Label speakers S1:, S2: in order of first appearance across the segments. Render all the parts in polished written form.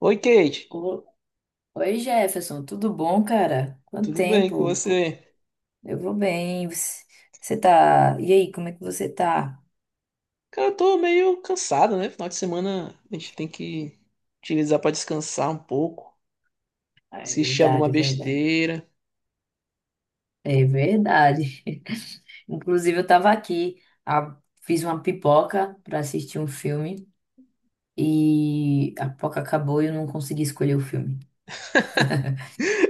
S1: Oi, Kate.
S2: O- Oi, Jefferson, tudo bom, cara? Quanto
S1: Tudo bem com
S2: tempo?
S1: você?
S2: Eu vou bem. Você tá. E aí, como é que você tá?
S1: Cara, eu tô meio cansado, né? Final de semana a gente tem que utilizar pra descansar um pouco,
S2: Ah, é
S1: assistir alguma
S2: verdade, é verdade.
S1: besteira.
S2: É verdade. Inclusive, eu tava aqui, a- fiz uma pipoca pra assistir um filme e a pipoca acabou e eu não consegui escolher o filme.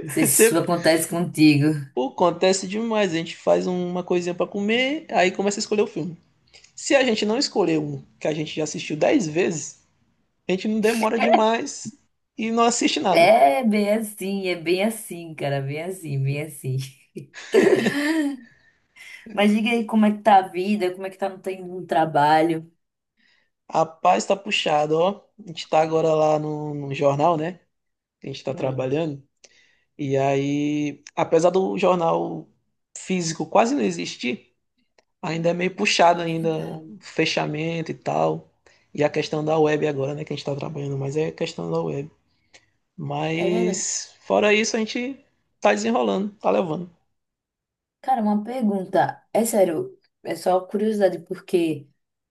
S2: Não sei se isso
S1: Sempre,
S2: acontece contigo.
S1: pô, acontece demais. A gente faz uma coisinha pra comer, aí começa a escolher o filme. Se a gente não escolher um que a gente já assistiu 10 vezes, a gente não demora demais e não assiste nada.
S2: É bem assim, cara, bem assim, bem assim. Mas diga aí como é que tá a vida, como é que tá no trabalho.
S1: Rapaz, tá puxado, ó. A gente tá agora lá no jornal, né? A gente tá
S2: Hum.
S1: trabalhando. E aí, apesar do jornal físico quase não existir, ainda é meio puxado
S2: É
S1: ainda
S2: verdade.
S1: o fechamento e tal. E a questão da web agora, né, que a gente está trabalhando, mas é questão da web.
S2: É verdade.
S1: Mas fora isso, a gente tá desenrolando, tá levando.
S2: Cara, uma pergunta. É sério, é só curiosidade, porque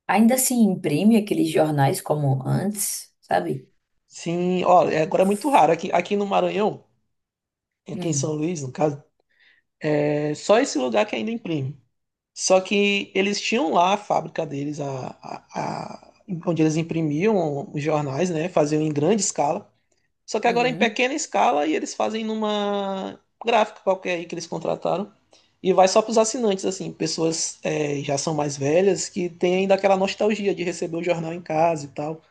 S2: ainda se imprime aqueles jornais como antes, sabe?
S1: Sim, olha, agora é muito raro. Aqui, aqui no Maranhão, aqui em São
S2: Hum.
S1: Luís, no caso, é só esse lugar que ainda imprime. Só que eles tinham lá a fábrica deles, onde eles imprimiam os jornais, né? Faziam em grande escala. Só que agora é em
S2: Uhum.
S1: pequena escala e eles fazem numa gráfica qualquer aí que eles contrataram. E vai só para os assinantes, assim, pessoas já são mais velhas que têm ainda aquela nostalgia de receber o jornal em casa e tal.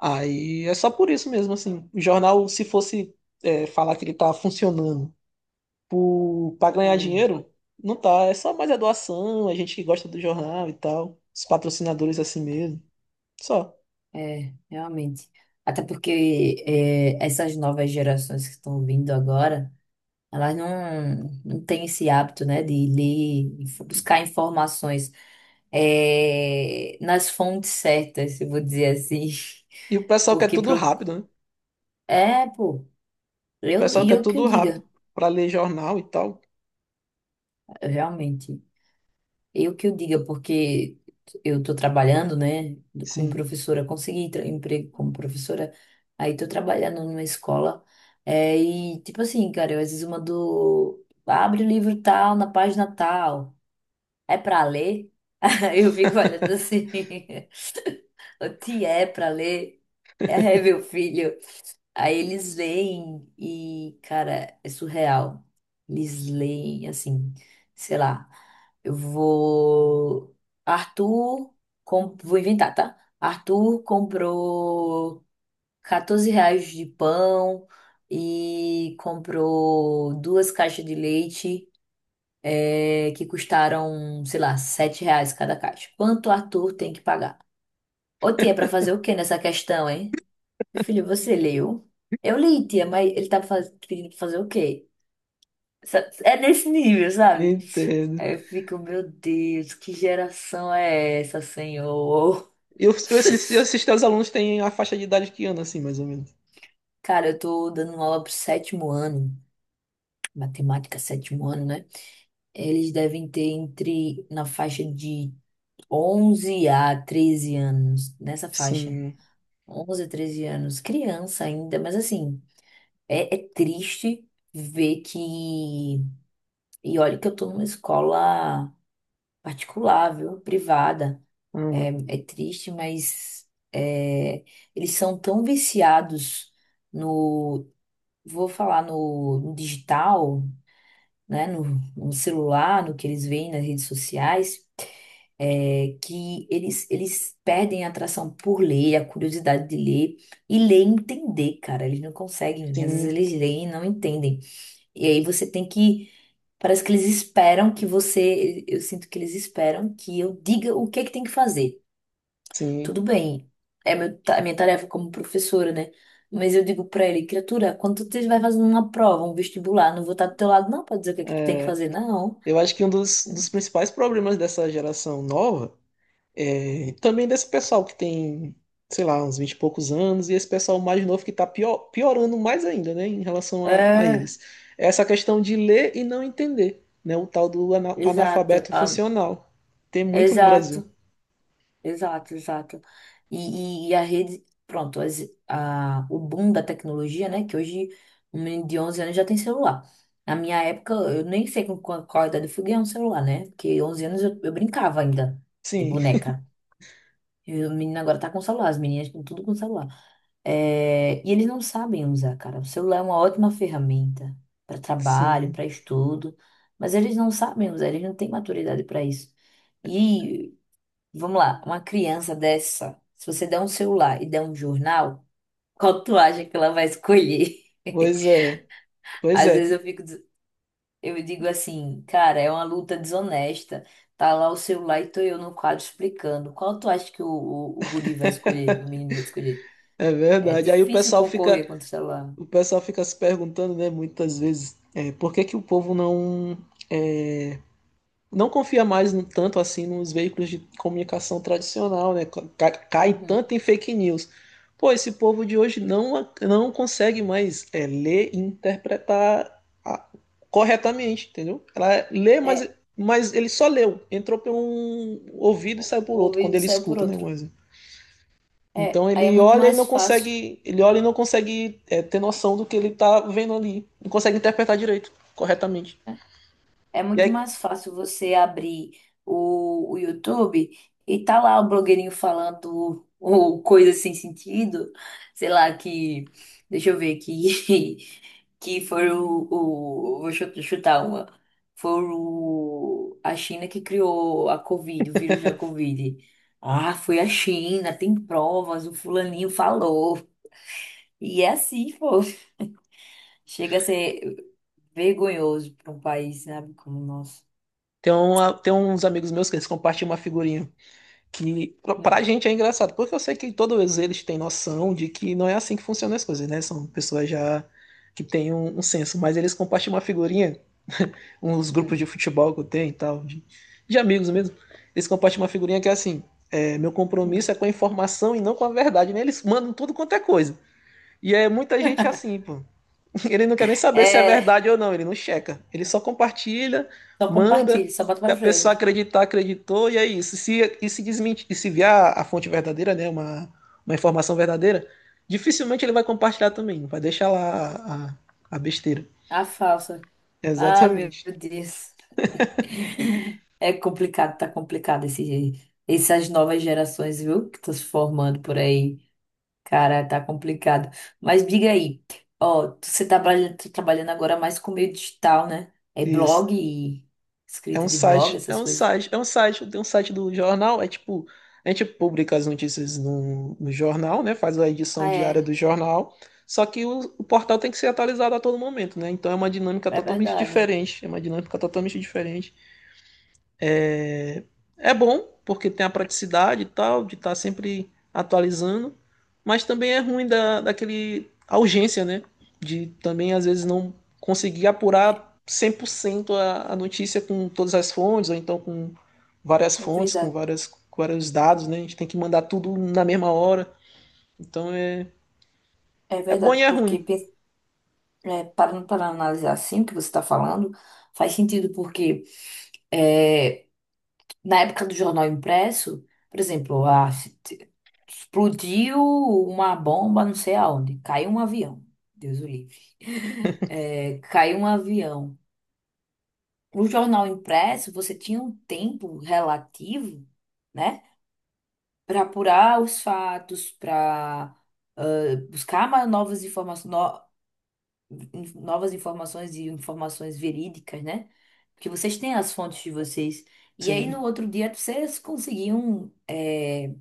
S1: Aí é só por isso mesmo, assim. O jornal, se fosse falar que ele tá funcionando para ganhar
S2: Ah,
S1: dinheiro, não tá. É só mais a doação, a gente que gosta do jornal e tal. Os patrocinadores assim mesmo. Só.
S2: é, realmente. Até porque essas novas gerações que estão vindo agora, elas não têm esse hábito, né, de ler, buscar informações nas fontes certas, se eu vou dizer assim.
S1: E o pessoal quer
S2: Porque
S1: tudo
S2: pro...
S1: rápido, né?
S2: É, pô.
S1: O
S2: Eu,
S1: pessoal
S2: e
S1: quer
S2: eu que eu
S1: tudo rápido
S2: diga,
S1: para ler jornal e tal.
S2: realmente. Eu que eu diga, porque eu tô trabalhando, né, como
S1: Sim,
S2: professora, consegui emprego como professora, aí tô trabalhando numa escola, e tipo assim, cara, eu às vezes mando, abre o livro tal, na página tal, é pra ler? Eu fico olhando assim, o que é pra ler? É, meu filho. Aí eles leem e, cara, é surreal. Eles leem assim, sei lá, eu vou. Arthur, vou inventar, tá? Arthur comprou R$ 14 de pão e comprou duas caixas de leite que custaram, sei lá, R$ 7 cada caixa. Quanto Arthur tem que pagar? Ô, tia, pra fazer o quê nessa questão, hein? Meu filho, você leu? Eu li, tia, mas ele tava pedindo pra fazer o quê? É nesse nível, sabe?
S1: entendo.
S2: Aí eu fico, meu Deus, que geração é essa, senhor?
S1: Eu os- eu esses aos alunos têm a faixa de idade que ano, assim, mais ou menos?
S2: Cara, eu tô dando uma aula pro sétimo ano, matemática, sétimo ano, né? Eles devem ter entre, na faixa de 11 a 13 anos, nessa faixa.
S1: Sim,
S2: 11 a 13 anos, criança ainda, mas assim, é triste ver que. E olha que eu tô numa escola particular, viu? Privada.
S1: uhum,
S2: É triste, mas eles são tão viciados no, vou falar no digital, né? No, no celular, no que eles veem nas redes sociais, que eles perdem a atração por ler, a curiosidade de ler e ler e entender, cara. Eles não conseguem. Às vezes
S1: sim,
S2: eles leem e não entendem. E aí você tem que. Parece que eles esperam que você. Eu sinto que eles esperam que eu diga o que é que tem que fazer.
S1: sim.
S2: Tudo bem, é meu, a minha tarefa como professora, né? Mas eu digo pra ele, criatura, quando tu estiver fazendo uma prova, um vestibular, não vou estar do teu lado, não, pra dizer o que é que tu tem que
S1: É,
S2: fazer, não.
S1: eu acho que um dos principais problemas dessa geração nova é também desse pessoal que tem, sei lá, uns 20 e poucos anos, e esse pessoal mais novo que tá pior, piorando mais ainda, né, em relação a
S2: É,
S1: eles. É essa questão de ler e não entender, né, o tal do
S2: exato,
S1: analfabeto
S2: ah,
S1: funcional. Tem muito no Brasil.
S2: exato. Exato, exato. E, e a rede, pronto, o boom da tecnologia, né? Que hoje um menino de 11 anos já tem celular. Na minha época, eu nem sei com qual idade eu fui ganhar um celular, né? Porque 11 anos eu brincava ainda de
S1: Sim,
S2: boneca. E o menino agora tá com celular, as meninas estão tudo com celular. É, e eles não sabem usar, cara. O celular é uma ótima ferramenta para trabalho,
S1: sim.
S2: para estudo, mas eles não sabem usar, eles não têm maturidade para isso. Vamos lá, uma criança dessa, se você der um celular e der um jornal, qual tu acha que ela vai escolher?
S1: Pois é, pois
S2: Às
S1: é,
S2: vezes eu fico, eu digo assim, cara, é uma luta desonesta. Tá lá o celular e tô eu no quadro explicando. Qual tu acha que o guri vai escolher, o menino vai escolher?
S1: é
S2: É
S1: verdade. Aí
S2: difícil concorrer contra o celular.
S1: o pessoal fica se perguntando, né, muitas vezes, por que que o povo não é, não confia mais tanto assim nos veículos de comunicação tradicional, né? Cai,
S2: Uhum.
S1: tanto em fake news. Pô, esse povo de hoje não, não consegue mais ler e interpretar corretamente, entendeu? Ela lê,
S2: É,
S1: mas ele só leu, entrou por um ouvido
S2: o
S1: e saiu
S2: o
S1: por outro quando
S2: ouvido
S1: ele
S2: saiu por
S1: escuta, né?
S2: outro. É,
S1: Então
S2: aí é
S1: ele
S2: muito
S1: olha e não
S2: mais fácil, né?
S1: consegue, ele olha e não consegue ter noção do que ele tá vendo ali, não consegue interpretar direito, corretamente.
S2: É
S1: E
S2: muito
S1: aí
S2: mais fácil você abrir o YouTube e tá lá o blogueirinho falando ou coisa sem sentido, sei lá, que. Deixa eu ver que Que foi o. Vou chutar uma. Foi a China que criou a Covid, o vírus da Covid. Ah, foi a China, tem provas, o fulaninho falou. E é assim, pô. Chega a ser vergonhoso para um país, sabe, como o nosso.
S1: tem uns amigos meus que eles compartilham uma figurinha que pra
S2: Hum.
S1: gente é engraçado, porque eu sei que todos eles têm noção de que não é assim que funcionam as coisas, né? São pessoas já que têm um senso, mas eles compartilham uma figurinha, uns grupos
S2: Hum.
S1: de futebol que eu tenho e tal, de amigos mesmo, eles compartilham uma figurinha que é assim, é, meu
S2: Hum.
S1: compromisso é com a informação e não com a verdade, né? Eles mandam tudo quanto é coisa. E é muita gente assim, pô. Ele não quer nem saber se é
S2: É,
S1: verdade ou não, ele não checa. Ele só compartilha,
S2: só
S1: manda,
S2: compartilha, só bota
S1: se
S2: pra
S1: a pessoa
S2: frente.
S1: acreditar, acreditou, e é isso. Se, e se desmentir, e se vier a fonte verdadeira, né, uma informação verdadeira, dificilmente ele vai compartilhar também, vai deixar lá a besteira.
S2: A falsa. Ah, meu
S1: Exatamente.
S2: Deus. É complicado, tá complicado essas novas gerações, viu? Que estão se formando por aí. Cara, tá complicado. Mas diga aí, ó, você tá tá trabalhando agora mais com meio digital, né? É
S1: Isso.
S2: blog e escrita de blog, essas coisas.
S1: É um site, tem um site do jornal, é tipo, a gente publica as notícias no jornal, né? Faz a edição
S2: Ah,
S1: diária
S2: é.
S1: do jornal, só que o portal tem que ser atualizado a todo momento, né? Então é uma dinâmica
S2: É
S1: totalmente
S2: verdade.
S1: diferente, é uma dinâmica totalmente diferente. É bom, porque tem a praticidade e tal, de estar sempre atualizando, mas também é ruim da, daquele a urgência, né? De também, às vezes, não conseguir apurar 100% a notícia com todas as fontes, ou então com várias
S2: É
S1: fontes, com
S2: verdade.
S1: várias, com vários dados, né? A gente tem que mandar tudo na mesma hora. Então, é,
S2: É
S1: é bom e
S2: verdade,
S1: é
S2: porque
S1: ruim,
S2: Parando para analisar assim o que você está falando, faz sentido porque é, na época do jornal impresso, por exemplo, explodiu uma bomba não sei aonde, caiu um avião, Deus o livre, é, caiu um avião. No jornal impresso, você tinha um tempo relativo, né, para apurar os fatos, para buscar mais novas informações, novas informações e informações verídicas, né? Porque vocês têm as fontes de vocês. E aí no
S1: sim.
S2: outro dia vocês conseguiam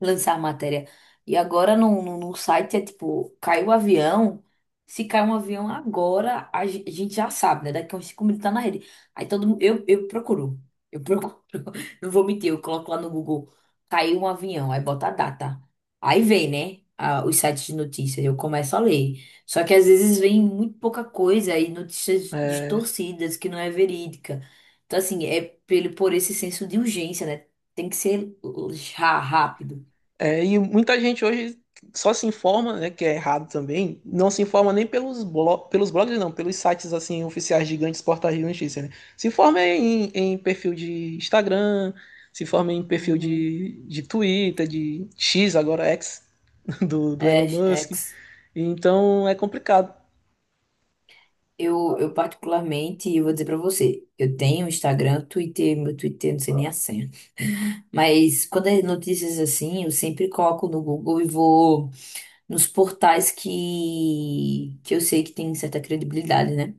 S2: lançar a matéria. E agora no site é tipo, caiu o avião. Se cai um avião agora, a gente já sabe, né? Daqui a uns 5 minutos tá na rede. Aí todo mundo, eu procuro. Eu procuro. Não vou mentir, eu coloco lá no Google. Caiu um avião, aí bota a data. Aí vem, né? Os sites de notícias, eu começo a ler. Só que às vezes vem muito pouca coisa e notícias
S1: É,
S2: distorcidas que não é verídica. Então, assim, é por esse senso de urgência, né? Tem que ser já rápido.
S1: É, e muita gente hoje só se informa, né, que é errado também, não se informa nem pelos, blo pelos blogs, não, pelos sites, assim, oficiais gigantes, portais de notícia, né? Se informa em perfil de Instagram, se informa em perfil
S2: Uhum.
S1: de Twitter, de X, agora X, do
S2: É,
S1: Elon Musk.
S2: ex.
S1: Então, é complicado.
S2: Eu particularmente, eu vou dizer pra você, eu tenho Instagram, Twitter, meu Twitter, não sei nem a senha. Mas quando é notícias assim, eu sempre coloco no Google e vou nos portais que eu sei que tem certa credibilidade, né?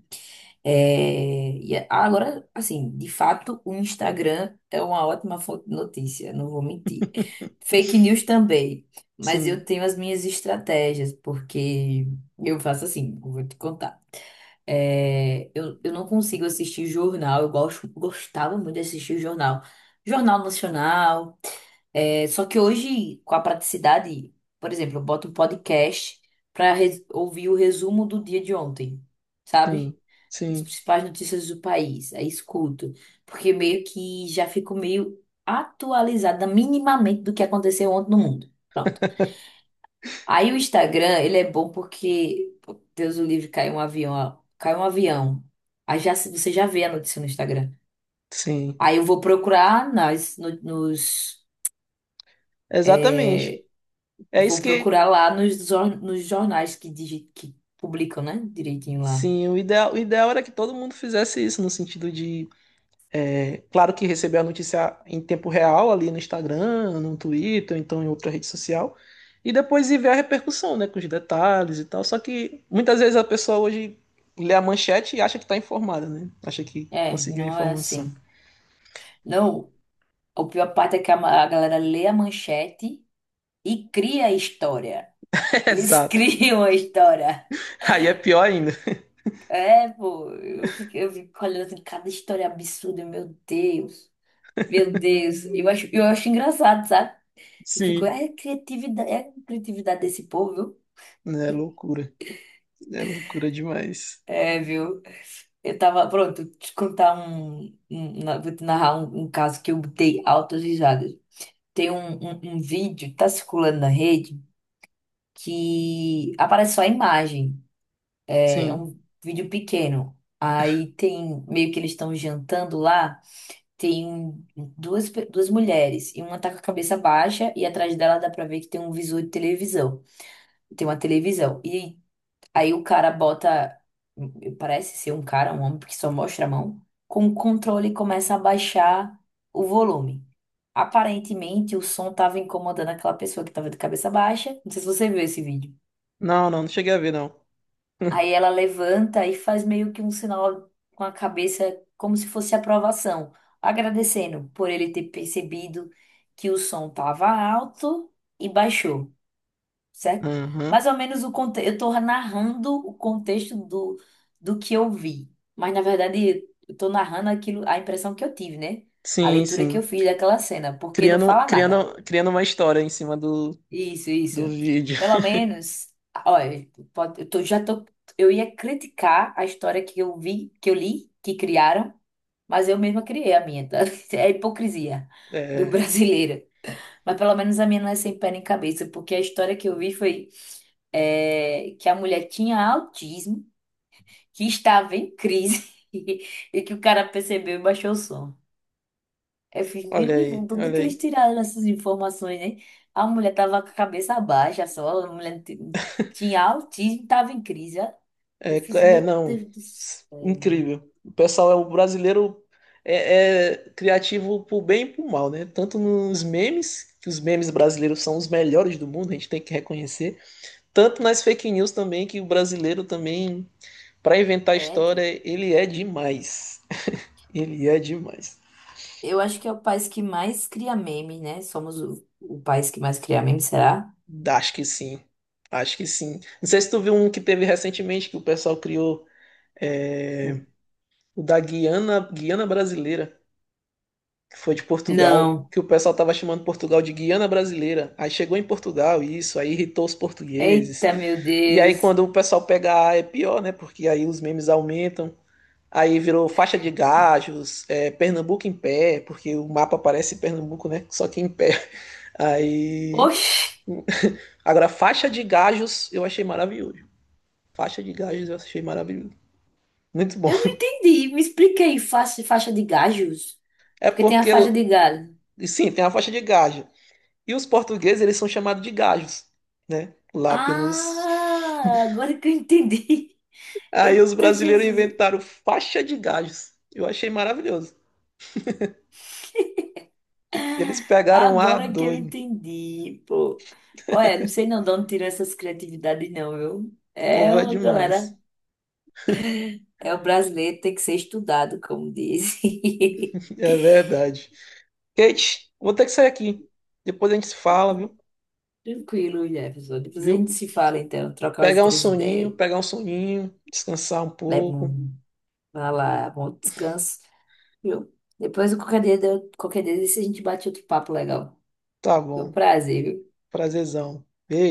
S2: É, e agora, assim, de fato, o Instagram é uma ótima fonte de notícia, não vou mentir. Fake news também, mas eu
S1: Sim,
S2: tenho as minhas estratégias, porque eu faço assim, eu vou te contar. É, eu não consigo assistir jornal, eu gosto, gostava muito de assistir jornal. Jornal Nacional, só que hoje, com a praticidade, por exemplo, eu boto um podcast para ouvir o resumo do dia de ontem, sabe?
S1: sim,
S2: Das
S1: sim,
S2: principais notícias do país. Aí escuto, porque meio que já fico meio atualizada minimamente do que aconteceu ontem no mundo. Pronto. Aí o Instagram, ele é bom porque, pô, Deus o livre, caiu um avião, ó, caiu um avião. Aí já, você já vê a notícia no Instagram.
S1: sim.
S2: Aí eu vou procurar nas, no- nos,
S1: Exatamente. É
S2: vou
S1: isso que...
S2: procurar lá nos jornais que publicam, né? Direitinho lá.
S1: Sim, o ideal era que todo mundo fizesse isso, no sentido de é, claro que recebeu a notícia em tempo real ali no Instagram, no Twitter, ou então em outra rede social. E depois ir ver a repercussão, né? Com os detalhes e tal. Só que muitas vezes a pessoa hoje lê a manchete e acha que está informada, né? Acha que
S2: É,
S1: conseguiu a
S2: não é
S1: informação.
S2: assim. Não, a pior parte é que a galera lê a manchete e cria a história. Eles
S1: Exato.
S2: criam a história.
S1: Aí é pior ainda.
S2: É, pô, eu fico olhando assim, cada história absurda, meu Deus. Meu Deus. Eu acho engraçado, sabe? Eu fico,
S1: Sim.
S2: é criatividade desse povo, viu?
S1: É loucura. É loucura demais.
S2: É, viu? Eu tava, pronto, te contar vou te narrar um caso que eu botei altas risadas. Tem um vídeo, que tá circulando na rede, que aparece só a imagem. É
S1: Sim.
S2: um vídeo pequeno. Aí tem, meio que eles estão jantando lá, tem duas mulheres, e uma tá com a cabeça baixa, e atrás dela dá pra ver que tem um visor de televisão. Tem uma televisão. E aí o cara bota, parece ser um cara, um homem, porque só mostra a mão, com o controle e começa a baixar o volume. Aparentemente o som tava incomodando aquela pessoa que tava de cabeça baixa. Não sei se você viu esse vídeo.
S1: Não, não, não cheguei a ver, não.
S2: Aí ela levanta e faz meio que um sinal com a cabeça, como se fosse aprovação, agradecendo por ele ter percebido que o som estava alto e baixou, certo?
S1: Aham.
S2: Mais ou menos o contexto. Eu estou narrando o contexto do que eu vi, mas na verdade eu estou narrando aquilo, a impressão que eu tive, né? A
S1: Sim,
S2: leitura que
S1: sim.
S2: eu fiz daquela cena, porque não
S1: Criando,
S2: fala nada.
S1: criando, criando uma história em cima
S2: Isso, isso.
S1: do vídeo.
S2: Pelo menos, olha, já tô, eu ia criticar a história que eu vi, que eu li, que criaram, mas eu mesma criei a minha, tá? É a hipocrisia do
S1: É.
S2: brasileiro. Mas pelo menos a minha não é sem pé nem cabeça, porque a história que eu vi foi que a mulher tinha autismo, que estava em crise e que o cara percebeu e baixou o som. Eu fiz,
S1: Olha
S2: meu irmão,
S1: aí,
S2: tudo
S1: olha
S2: que eles
S1: aí.
S2: tiraram essas informações, né? A mulher tava com a cabeça baixa só, a mulher tinha autismo, tava em crise, ó.
S1: É,
S2: Eu fiz, meu
S1: é, não.
S2: Deus do céu, velho.
S1: Incrível. O pessoal é o brasileiro é, é criativo pro bem e pro mal, né? Tanto nos memes, que os memes brasileiros são os melhores do mundo, a gente tem que reconhecer. Tanto nas fake news também, que o brasileiro também, para inventar
S2: É, pô.
S1: história, ele é demais. Ele é demais.
S2: Eu acho que é o país que mais cria meme, né? Somos o país que mais cria meme, será?
S1: Acho que sim. Acho que sim. Não sei se tu viu um que teve recentemente que o pessoal criou, é,
S2: Hum.
S1: o da Guiana, Guiana Brasileira. Que foi de Portugal,
S2: Não.
S1: que o pessoal tava chamando Portugal de Guiana Brasileira. Aí chegou em Portugal isso, aí irritou os portugueses.
S2: Eita, meu
S1: E aí
S2: Deus.
S1: quando o pessoal pega A é pior, né? Porque aí os memes aumentam. Aí virou faixa de gajos, é, Pernambuco em pé, porque o mapa parece Pernambuco, né? Só que em pé. Aí.
S2: Oxi,
S1: Agora, faixa de gajos eu achei maravilhoso. Faixa de gajos eu achei maravilhoso. Muito bom.
S2: eu não entendi. Me explica aí, faixa, faixa de gajos.
S1: É
S2: Porque tem a
S1: porque.
S2: faixa de gado.
S1: Sim, tem a faixa de gajos. E os portugueses, eles são chamados de gajos, né? Lá pelos.
S2: Ah, agora que eu entendi.
S1: Aí os
S2: Eita,
S1: brasileiros
S2: Jesus!
S1: inventaram faixa de gajos. Eu achei maravilhoso. Eles pegaram a
S2: Agora que eu
S1: doido.
S2: entendi, pô. Olha, não sei não de onde tirou essas criatividades, não, viu?
S1: O
S2: É
S1: povo é
S2: uma galera.
S1: demais.
S2: É o brasileiro, tem que ser estudado, como diz.
S1: É verdade. Kate, vou ter que sair aqui. Depois a gente se fala, viu?
S2: Tranquilo, Jefferson. Depois a
S1: Viu?
S2: gente se fala, então. Troca as outras ideias.
S1: Pegar um soninho, descansar um
S2: Leva
S1: pouco.
S2: um. Vai lá, bom descanso, viu? Depois, qualquer dia desse, a gente bate outro papo legal.
S1: Tá
S2: Foi um
S1: bom.
S2: prazer, viu?
S1: Prazerzão. Beijo.